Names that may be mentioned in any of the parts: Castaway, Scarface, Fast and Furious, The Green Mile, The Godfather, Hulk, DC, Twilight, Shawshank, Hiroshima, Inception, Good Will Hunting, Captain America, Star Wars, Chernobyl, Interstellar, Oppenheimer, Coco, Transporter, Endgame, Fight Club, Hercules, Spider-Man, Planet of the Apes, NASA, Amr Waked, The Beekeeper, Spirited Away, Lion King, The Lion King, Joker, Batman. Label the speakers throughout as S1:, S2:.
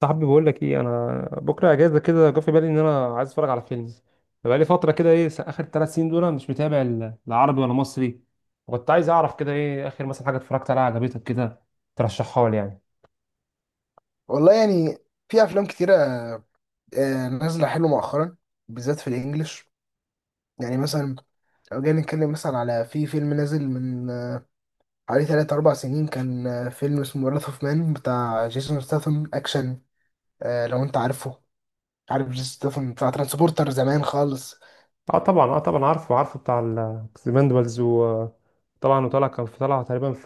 S1: صاحبي بقول لك ايه، انا بكره اجازه كده جه في بالي ان انا عايز اتفرج على فيلم. بقى لي فتره كده، ايه اخر ثلاث سنين دول أنا مش متابع لا عربي ولا مصري. وكنت عايز اعرف كده ايه اخر مثلا حاجه اتفرجت عليها عجبتك كده ترشحها لي يعني.
S2: والله يعني، في افلام كتيره، نازله حلو مؤخرا، بالذات في الانجليش. يعني مثلا، لو جينا نتكلم مثلا على في فيلم نازل من حوالي 3 4 سنين، كان فيلم اسمه وراث اوف مان بتاع جيسون ستاثام اكشن. لو انت عارفه، عارف جيسون ستاثام بتاع ترانسبورتر زمان خالص،
S1: اه طبعا اه طبعا، عارفه بتاع الاكسبندبلز، وطبعا وطلع كان في طلعه تقريبا في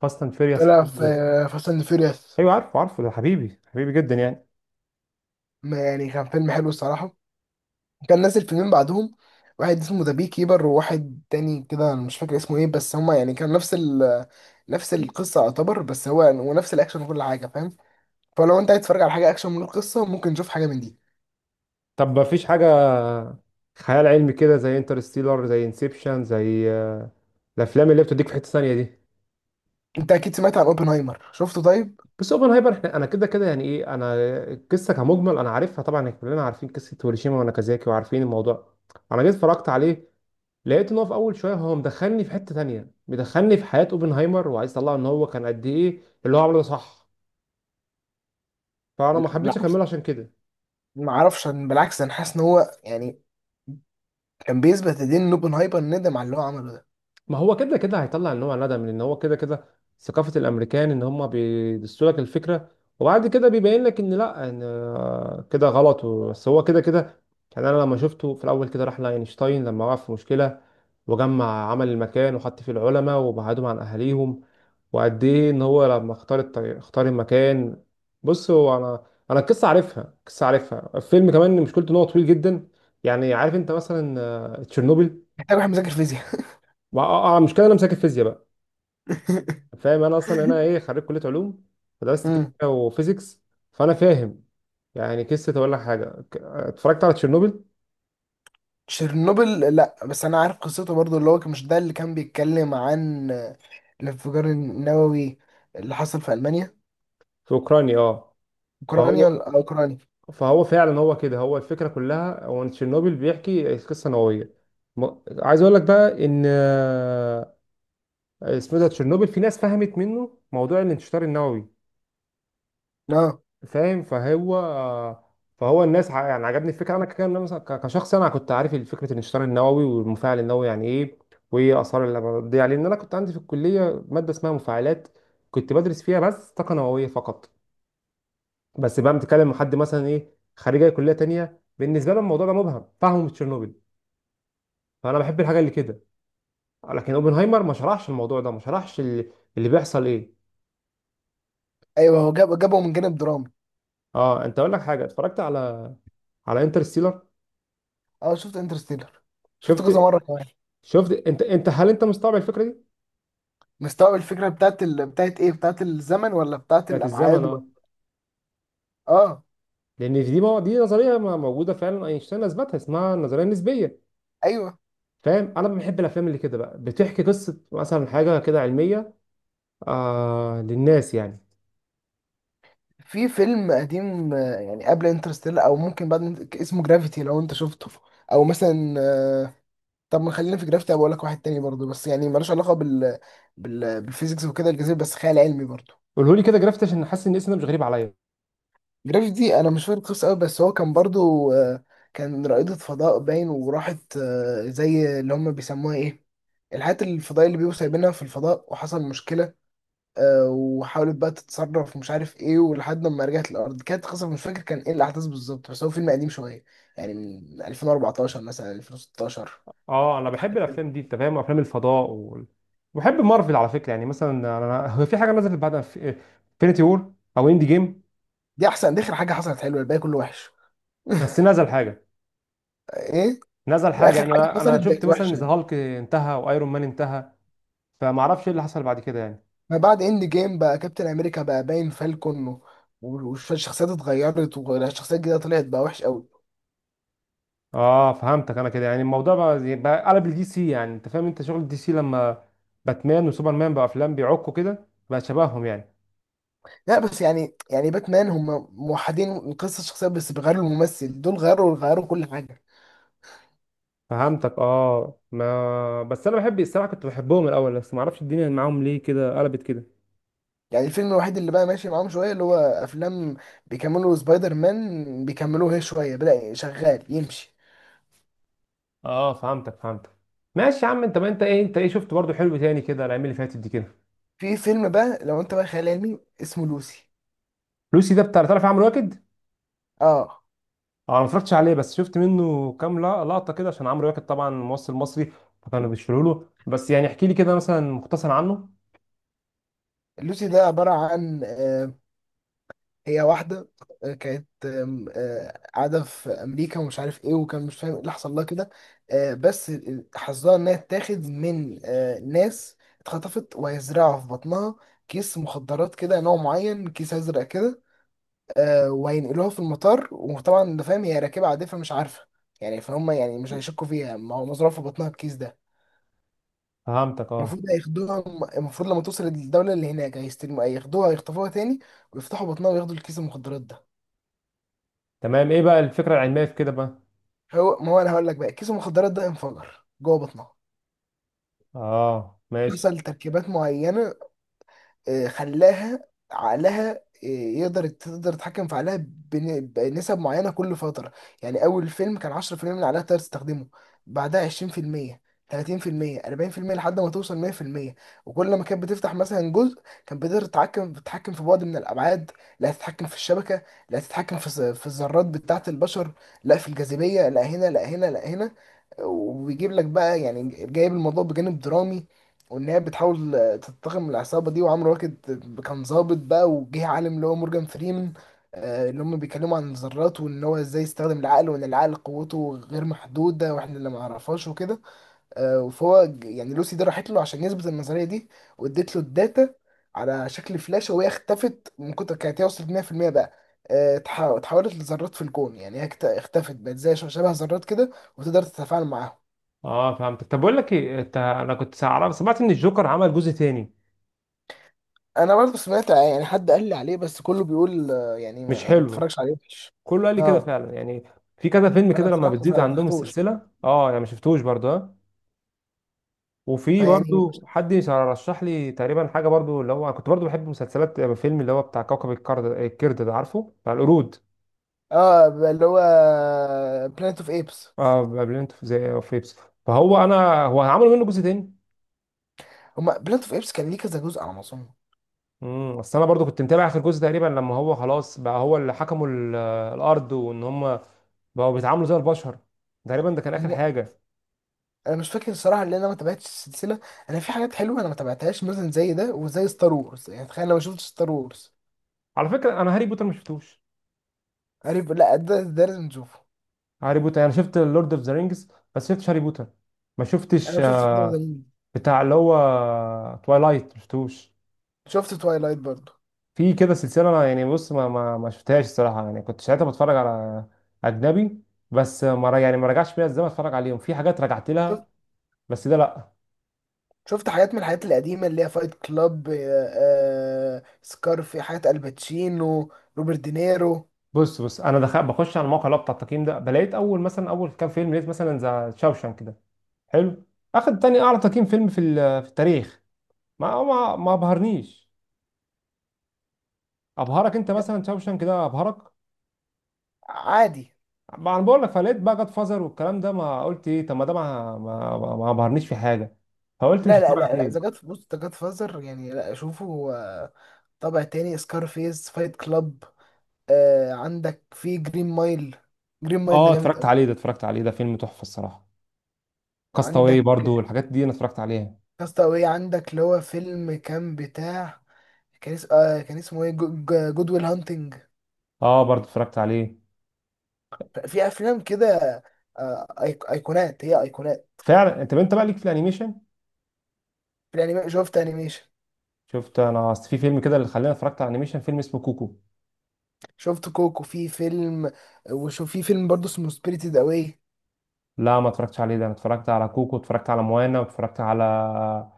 S1: فاست اند فيريوس.
S2: طلع في فاست اند فيوريوس.
S1: ايوه عارفه، ده حبيبي جدا يعني.
S2: يعني كان فيلم حلو الصراحه. كان نازل فيلمين بعدهم، واحد اسمه ذا بي كيبر، وواحد تاني كده أنا مش فاكر اسمه ايه، بس هما يعني كان نفس القصة يعتبر، بس هو يعني، ونفس الأكشن وكل حاجة فاهم. فلو أنت عايز تتفرج على حاجة أكشن من القصة ممكن تشوف حاجة من دي.
S1: طب ما فيش حاجه خيال علمي كده زي انترستيلر، زي انسبشن، زي الافلام اللي بتديك في حته ثانيه دي.
S2: أنت أكيد سمعت عن أوبنهايمر، شفته طيب؟
S1: بس اوبنهايمر احنا انا كده كده يعني ايه، انا القصه كمجمل انا عارفها، طبعا إحنا كلنا عارفين قصه هيروشيما وناكازاكي وعارفين الموضوع. انا جيت اتفرجت عليه لقيت ان هو في اول شويه هو مدخلني في حته تانية، مدخلني في حياه اوبنهايمر وعايز يطلع ان هو كان قد ايه اللي هو عمله ده، صح؟ فانا ما
S2: لا
S1: حبيتش
S2: بالعكس،
S1: اكمله عشان كده.
S2: ما أعرفش أنا، بالعكس أنا حاسس إن هو يعني كان بيثبت لدين إن أوبنهايمر ندم على اللي هو عمله ده.
S1: ما هو كده كده هيطلع نوع ندم لان هو كده كده ثقافة الامريكان ان هم بيدسوا لك الفكرة وبعد كده بيبين لك ان لا ان كده غلط بس هو كده كده. يعني انا لما شفته في الاول، كده راح لاينشتاين لما وقع في مشكلة، وجمع عمل المكان وحط فيه العلماء وبعدهم عن اهاليهم، وقد ايه ان هو لما اختار المكان. بص هو انا، انا القصة عارفها، القصة عارفها. الفيلم كمان مشكلته ان هو طويل جدا. يعني عارف انت مثلا تشيرنوبل.
S2: محتاج واحد مذاكر فيزياء.
S1: مشكلة انا مساك الفيزياء بقى. فاهم انا اصلا انا ايه، خريج كليه علوم، فدرست كيمياء وفيزيكس. فانا فاهم يعني. قصه اقول لك حاجه، اتفرجت على تشيرنوبل
S2: تشيرنوبل لا، بس انا عارف قصته برضو، اللي هو مش ده اللي كان بيتكلم عن الانفجار النووي اللي حصل في المانيا؟
S1: في اوكرانيا اه.
S2: اوكرانيا
S1: فهو
S2: ولا- آه، اوكرانيا.
S1: فهو فعلا هو كده، هو الفكره كلها هو إن تشيرنوبل بيحكي قصه نوويه. م- عايز اقول لك بقى ان اسمه إيه ده، تشيرنوبل في ناس فهمت منه موضوع الانتشار النووي.
S2: اه
S1: فاهم؟ فهو الناس يعني عجبني الفكره انا، كان مثلا كشخص انا كنت عارف فكره الانشطار النووي والمفاعل النووي يعني ايه، وايه اثار اللي بتضيع، لان انا كنت عندي في الكليه ماده اسمها مفاعلات، كنت بدرس فيها بس طاقه نوويه فقط. بس بقى بتكلم مع حد مثلا ايه، خريج أي كليه تانية بالنسبه له الموضوع ده مبهم، فاهمه من تشيرنوبل. فانا بحب الحاجه اللي كده. لكن اوبنهايمر ما شرحش الموضوع ده، ما شرحش اللي بيحصل ايه.
S2: ايوه، هو جابه من جانب درامي.
S1: اه انت، اقول لك حاجه، اتفرجت على على انترستيلر.
S2: اه شفت انترستيلر، شفت
S1: شفت،
S2: كذا مره كمان.
S1: شفت انت هل انت مستوعب الفكره دي؟
S2: مستوعب الفكره بتاعت ايه، بتاعت الزمن ولا بتاعت
S1: بتاعت الزمن
S2: الابعاد ولا...
S1: اه.
S2: اه
S1: لان دي دي نظريه موجوده فعلا، اينشتاين اثبتها، اسمها النظريه النسبيه.
S2: ايوه.
S1: فاهم؟ انا بحب الافلام اللي كده بقى بتحكي قصه مثلا حاجه كده علميه للناس يعني.
S2: في فيلم قديم يعني قبل انترستيلر او ممكن بعد، اسمه جرافيتي لو انت شفته. او مثلا طب ما خلينا في جرافيتي. بقول لك واحد تاني برضه، بس يعني ملوش علاقه بالفيزيكس وكده، الجاذبيه بس، خيال علمي برضه.
S1: قوله لي كده جرافت، عشان حاسس ان الاسم ده مش غريب عليا.
S2: جرافيتي دي انا مش فاكر القصه قوي، بس هو كان برضه آه، كان رائده فضاء باين، وراحت زي اللي هم بيسموها ايه، الحاجات الفضائيه اللي بيبقوا سايبينها في الفضاء، وحصل مشكله. وحاولت بقى تتصرف، مش عارف ايه، ولحد ما رجعت الارض. كانت قصه مش فاكر كان ايه الاحداث بالظبط، بس هو فيلم قديم شويه، يعني من 2014 مثلا 2016.
S1: اه انا بحب
S2: حاجه كده.
S1: الافلام دي انت فاهم، افلام الفضاء بحب مارفل على فكره. يعني مثلا انا، هو في حاجه نزلت بعد انفينيتي وور او اندي جيم؟
S2: دي احسن، دي اخر حاجه حصلت حلوه، الباقي كله وحش.
S1: بس نزل حاجه
S2: ايه
S1: نزل حاجه
S2: اخر
S1: يعني،
S2: حاجه
S1: انا
S2: حصلت
S1: شفت
S2: بقت
S1: مثلا ان ذا
S2: وحشه.
S1: هالك انتهى وايرون مان انتهى، فما اعرفش ايه اللي حصل بعد كده يعني.
S2: ما بعد اند جيم بقى كابتن امريكا بقى باين فالكون والشخصيات اتغيرت، والشخصيات الجديده طلعت بقى وحش قوي.
S1: اه فهمتك. انا كده يعني الموضوع بقى بقى قلب الدي سي، يعني انت فاهم انت شغل الدي سي لما باتمان وسوبرمان بقى افلام بيعكوا كده بقى شبههم يعني.
S2: لا بس يعني، باتمان هم موحدين قصه الشخصيات، بس بيغيروا الممثل، دول غيروا كل حاجه.
S1: فهمتك اه، ما بس انا بحب الصراحه كنت بحبهم الاول، بس ما اعرفش الدنيا معاهم ليه كده قلبت كده.
S2: يعني الفيلم الوحيد اللي بقى ماشي معاهم شويه، اللي هو افلام بيكملوا سبايدر مان، بيكملوه هي شويه، بدأ شغال يمشي.
S1: اه فهمتك. ماشي يا عم. انت ما انت ايه، انت ايه شفت برضو حلو تاني كده الايام اللي فاتت دي كده؟
S2: في فيلم بقى لو انت بقى خيال علمي، اسمه لوسي.
S1: لوسي ده بتاع، تعرف عمرو واكد؟
S2: اه
S1: اه، انا ما اتفرجتش عليه، بس شفت منه كام لقطه كده عشان عمرو واكد طبعا ممثل مصري فكانوا بيشيلوا له. بس يعني احكي لي كده مثلا مختصر عنه.
S2: لوسي ده عباره عن هي واحدة آه، كانت آم، آه، قاعدة في أمريكا، ومش عارف إيه، وكان مش فاهم إيه اللي حصل لها كده. بس حظها إنها تاخد من ناس اتخطفت، وهيزرعوا في بطنها كيس مخدرات كده، نوع معين، كيس أزرق كده. وهينقلوها في المطار، وطبعا أنت فاهم هي راكبة عادية فمش عارفة، يعني فهم يعني مش هيشكوا فيها، ما هو مزروع في بطنها الكيس ده.
S1: فهمتك اه.
S2: المفروض هياخدوها. المفروض لما توصل الدولة اللي هناك هيستلموا، هياخدوها، هيخطفوها تاني، ويفتحوا بطنها وياخدوا الكيس المخدرات ده.
S1: تمام، ايه بقى الفكرة العلمية في كده بقى؟
S2: هو، ما هو انا هقول لك بقى، كيس المخدرات ده انفجر جوه بطنها.
S1: اه ماشي.
S2: حصل تركيبات معينه خلاها عقلها آه، يقدر تقدر تتحكم في عقلها بنسب معينة كل فترة. يعني أول فيلم كان 10% من عقلها تقدر تستخدمه، بعدها 20% 30% 40% لحد ما توصل 100%. وكل ما كانت بتفتح مثلا جزء، كانت بتقدر تتحكم في بعد من الأبعاد، لا تتحكم في الشبكة، لا تتحكم في الذرات بتاعة البشر، لا في الجاذبية، لا هنا لا هنا لا هنا. وبيجيب لك بقى يعني، جايب الموضوع بجانب درامي، وان هي بتحاول تنتقم العصابه دي. وعمرو واكد كان ظابط بقى، وجه عالم اللي هو مورجان فريمان اللي هم بيتكلموا عن الذرات، وان هو ازاي يستخدم العقل، وان العقل قوته غير محدوده واحنا اللي ما نعرفهاش وكده. يعني لوسي دي راحت له عشان يثبت النظريه دي، واديت له الداتا على شكل فلاشه، وهي اختفت من كتر كانت، هي وصلت 100% بقى. اتحولت لذرات في الكون، يعني هي اختفت، بقت زي شبه ذرات كده، وتقدر تتفاعل معاهم.
S1: اه فهمتك. طب بقول لك ايه، انت انا كنت عارف سمعت ان الجوكر عمل جزء تاني؟
S2: انا برضه سمعت يعني حد قال لي عليه، بس كله بيقول يعني
S1: مش
S2: ما
S1: حلو؟
S2: تتفرجش عليه، وحش.
S1: كله قال لي كده
S2: اه
S1: فعلا يعني. في كذا فيلم
S2: فانا
S1: كده لما
S2: الصراحه
S1: بتزيد
S2: ما
S1: عندهم
S2: فتحتوش.
S1: السلسلة، اه انا ما شفتوش برضه ها. وفي
S2: فيعني مش-
S1: برضه حد رشح لي تقريبا حاجة برضه اللي هو، كنت برضه بحب مسلسلات فيلم اللي هو بتاع كوكب الكرد، الكرد ده عارفه، بتاع القرود.
S2: اه اللي هو بلانت اوف ايبس.
S1: اه بابلينت، في زي في بيبسي. فهو انا، هو هيعملوا منه جزء تاني.
S2: هما بلانت اوف ايبس كان ليه كذا جزء على ما اظن.
S1: اصل انا برضو كنت متابع اخر جزء تقريبا لما هو خلاص بقى هو اللي حكموا الارض وان هم بقوا بيتعاملوا زي البشر. تقريبا ده كان اخر
S2: مو-
S1: حاجه.
S2: انا مش فاكر الصراحه، لان انا ما تابعتش السلسله. انا في حاجات حلوه انا ما تابعتهاش، مثلا زي ده وزي ستار وورز، يعني تخيل انا ما شفتش ستار وورز.
S1: على فكره انا هاري بوتر ما شفتوش.
S2: عارف، لا ده لازم نشوفه.
S1: هاري بوتر انا شفت لورد اوف ذا رينجز بس شفتش هاري بوتر. ما
S2: انا
S1: شفتش
S2: ما شفتش ده زمان.
S1: بتاع اللي هو توايلايت ما شفتوش.
S2: شفت توايلايت برضه.
S1: في كده سلسله انا يعني، بص ما شفتهاش الصراحه، يعني كنت ساعتها بتفرج على اجنبي، بس ما ر- يعني ما رجعش بيا الزمن اتفرج عليهم. في حاجات رجعت لها، بس ده لا.
S2: شفت حاجات من الحاجات القديمة، اللي هي فايت كلاب، سكارفي، حاجات الباتشينو، روبرت دينيرو.
S1: بص انا دخل بخش على الموقع اللي هو بتاع التقييم ده، بلاقيت اول مثلا اول كام فيلم، لقيت مثلا ذا شاوشان كده، حلو، اخد تاني اعلى تقييم فيلم في في التاريخ. ما ابهرنيش. ابهرك انت
S2: لا،
S1: مثلا شاوشان كده، ابهرك؟
S2: عادي.
S1: ما انا بقول لك، فلقيت بقى جاد فازر والكلام ده، ما قلت ايه، طب ما ده ما ابهرنيش في حاجه، فقلت مش
S2: لا لا
S1: هتفرج
S2: لا لا، ذا
S1: عليه.
S2: جاد بص، ذا جاد فازر يعني لا اشوفه. طابع تاني، سكارفيس، فايت كلاب. عندك في جرين مايل، جرين مايل ده
S1: اه
S2: جامد
S1: اتفرجت
S2: قوي.
S1: عليه ده، اتفرجت عليه ده، فيلم تحفه الصراحه. كاستاوي
S2: عندك
S1: برضو، الحاجات دي انا اتفرجت عليها.
S2: كاستاوي، عندك اللي هو فيلم كان بتاع، كان اس- آه، كان اسمه ايه، جود ويل هانتنج.
S1: اه برضو اتفرجت عليه.
S2: في افلام كده ايقونات، هي ايقونات.
S1: فعلا، انت انت بقى ليك في الانيميشن.
S2: في الانيميشن شفت انيميشن.
S1: شفت انا، اصل في فيلم كده اللي خلاني اتفرجت على انيميشن، فيلم اسمه كوكو.
S2: شفت كوكو في فيلم. وشوف في فيلم برضه اسمه سبيريتد اواي.
S1: لا ما اتفرجتش عليه ده، انا اتفرجت على كوكو، اتفرجت على موانا، واتفرجت على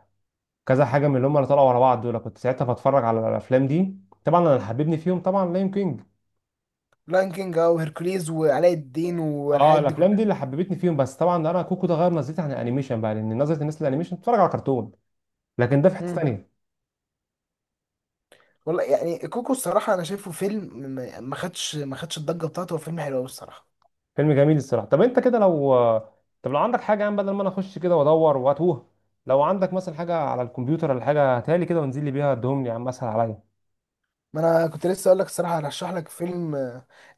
S1: كذا حاجه من اللي هم اللي طلعوا ورا بعض دول، كنت ساعتها بتفرج على الافلام دي. طبعا انا اللي حببني فيهم طبعا لاين كينج.
S2: لاين كينج او هيركوليز وعلاء الدين
S1: اه
S2: والحاجات دي
S1: الافلام
S2: كلها.
S1: دي اللي حببتني فيهم. بس طبعا انا كوكو ده غير نظرتي عن الانيميشن بقى، لان نظره الناس للانيميشن بتتفرج على كرتون، لكن ده في حته
S2: مم.
S1: تانيه.
S2: والله يعني كوكو، الصراحه انا شايفه فيلم ما خدش الضجه بتاعته. هو فيلم حلو قوي الصراحه.
S1: فيلم جميل الصراحه. طب انت كده لو، طب لو عندك حاجه يعني بدل ما انا اخش كده وادور واتوه، لو عندك مثلا حاجه على الكمبيوتر ولا حاجه هاتها لي كده، وانزل لي بيها ادهم لي يا عم، اسهل عليا.
S2: ما انا كنت لسه اقول لك الصراحه هرشح لك فيلم.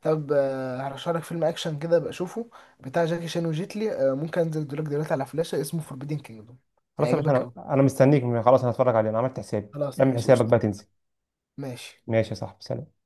S2: طب هرشح لك فيلم اكشن كده بشوفه، بتاع جاكي شان وجيتلي. ممكن انزل لك دلوقتي على فلاشه، اسمه فوربيدن كينجدوم.
S1: خلاص يا باشا،
S2: هيعجبك
S1: انا
S2: قوي.
S1: انا مستنيك، خلاص انا هتفرج عليه، انا عملت حسابي.
S2: خلاص،
S1: اعمل
S2: ماشي،
S1: حسابك
S2: قشطه.
S1: بقى تنزل.
S2: ماشي.
S1: ماشي يا صاحبي، سلام.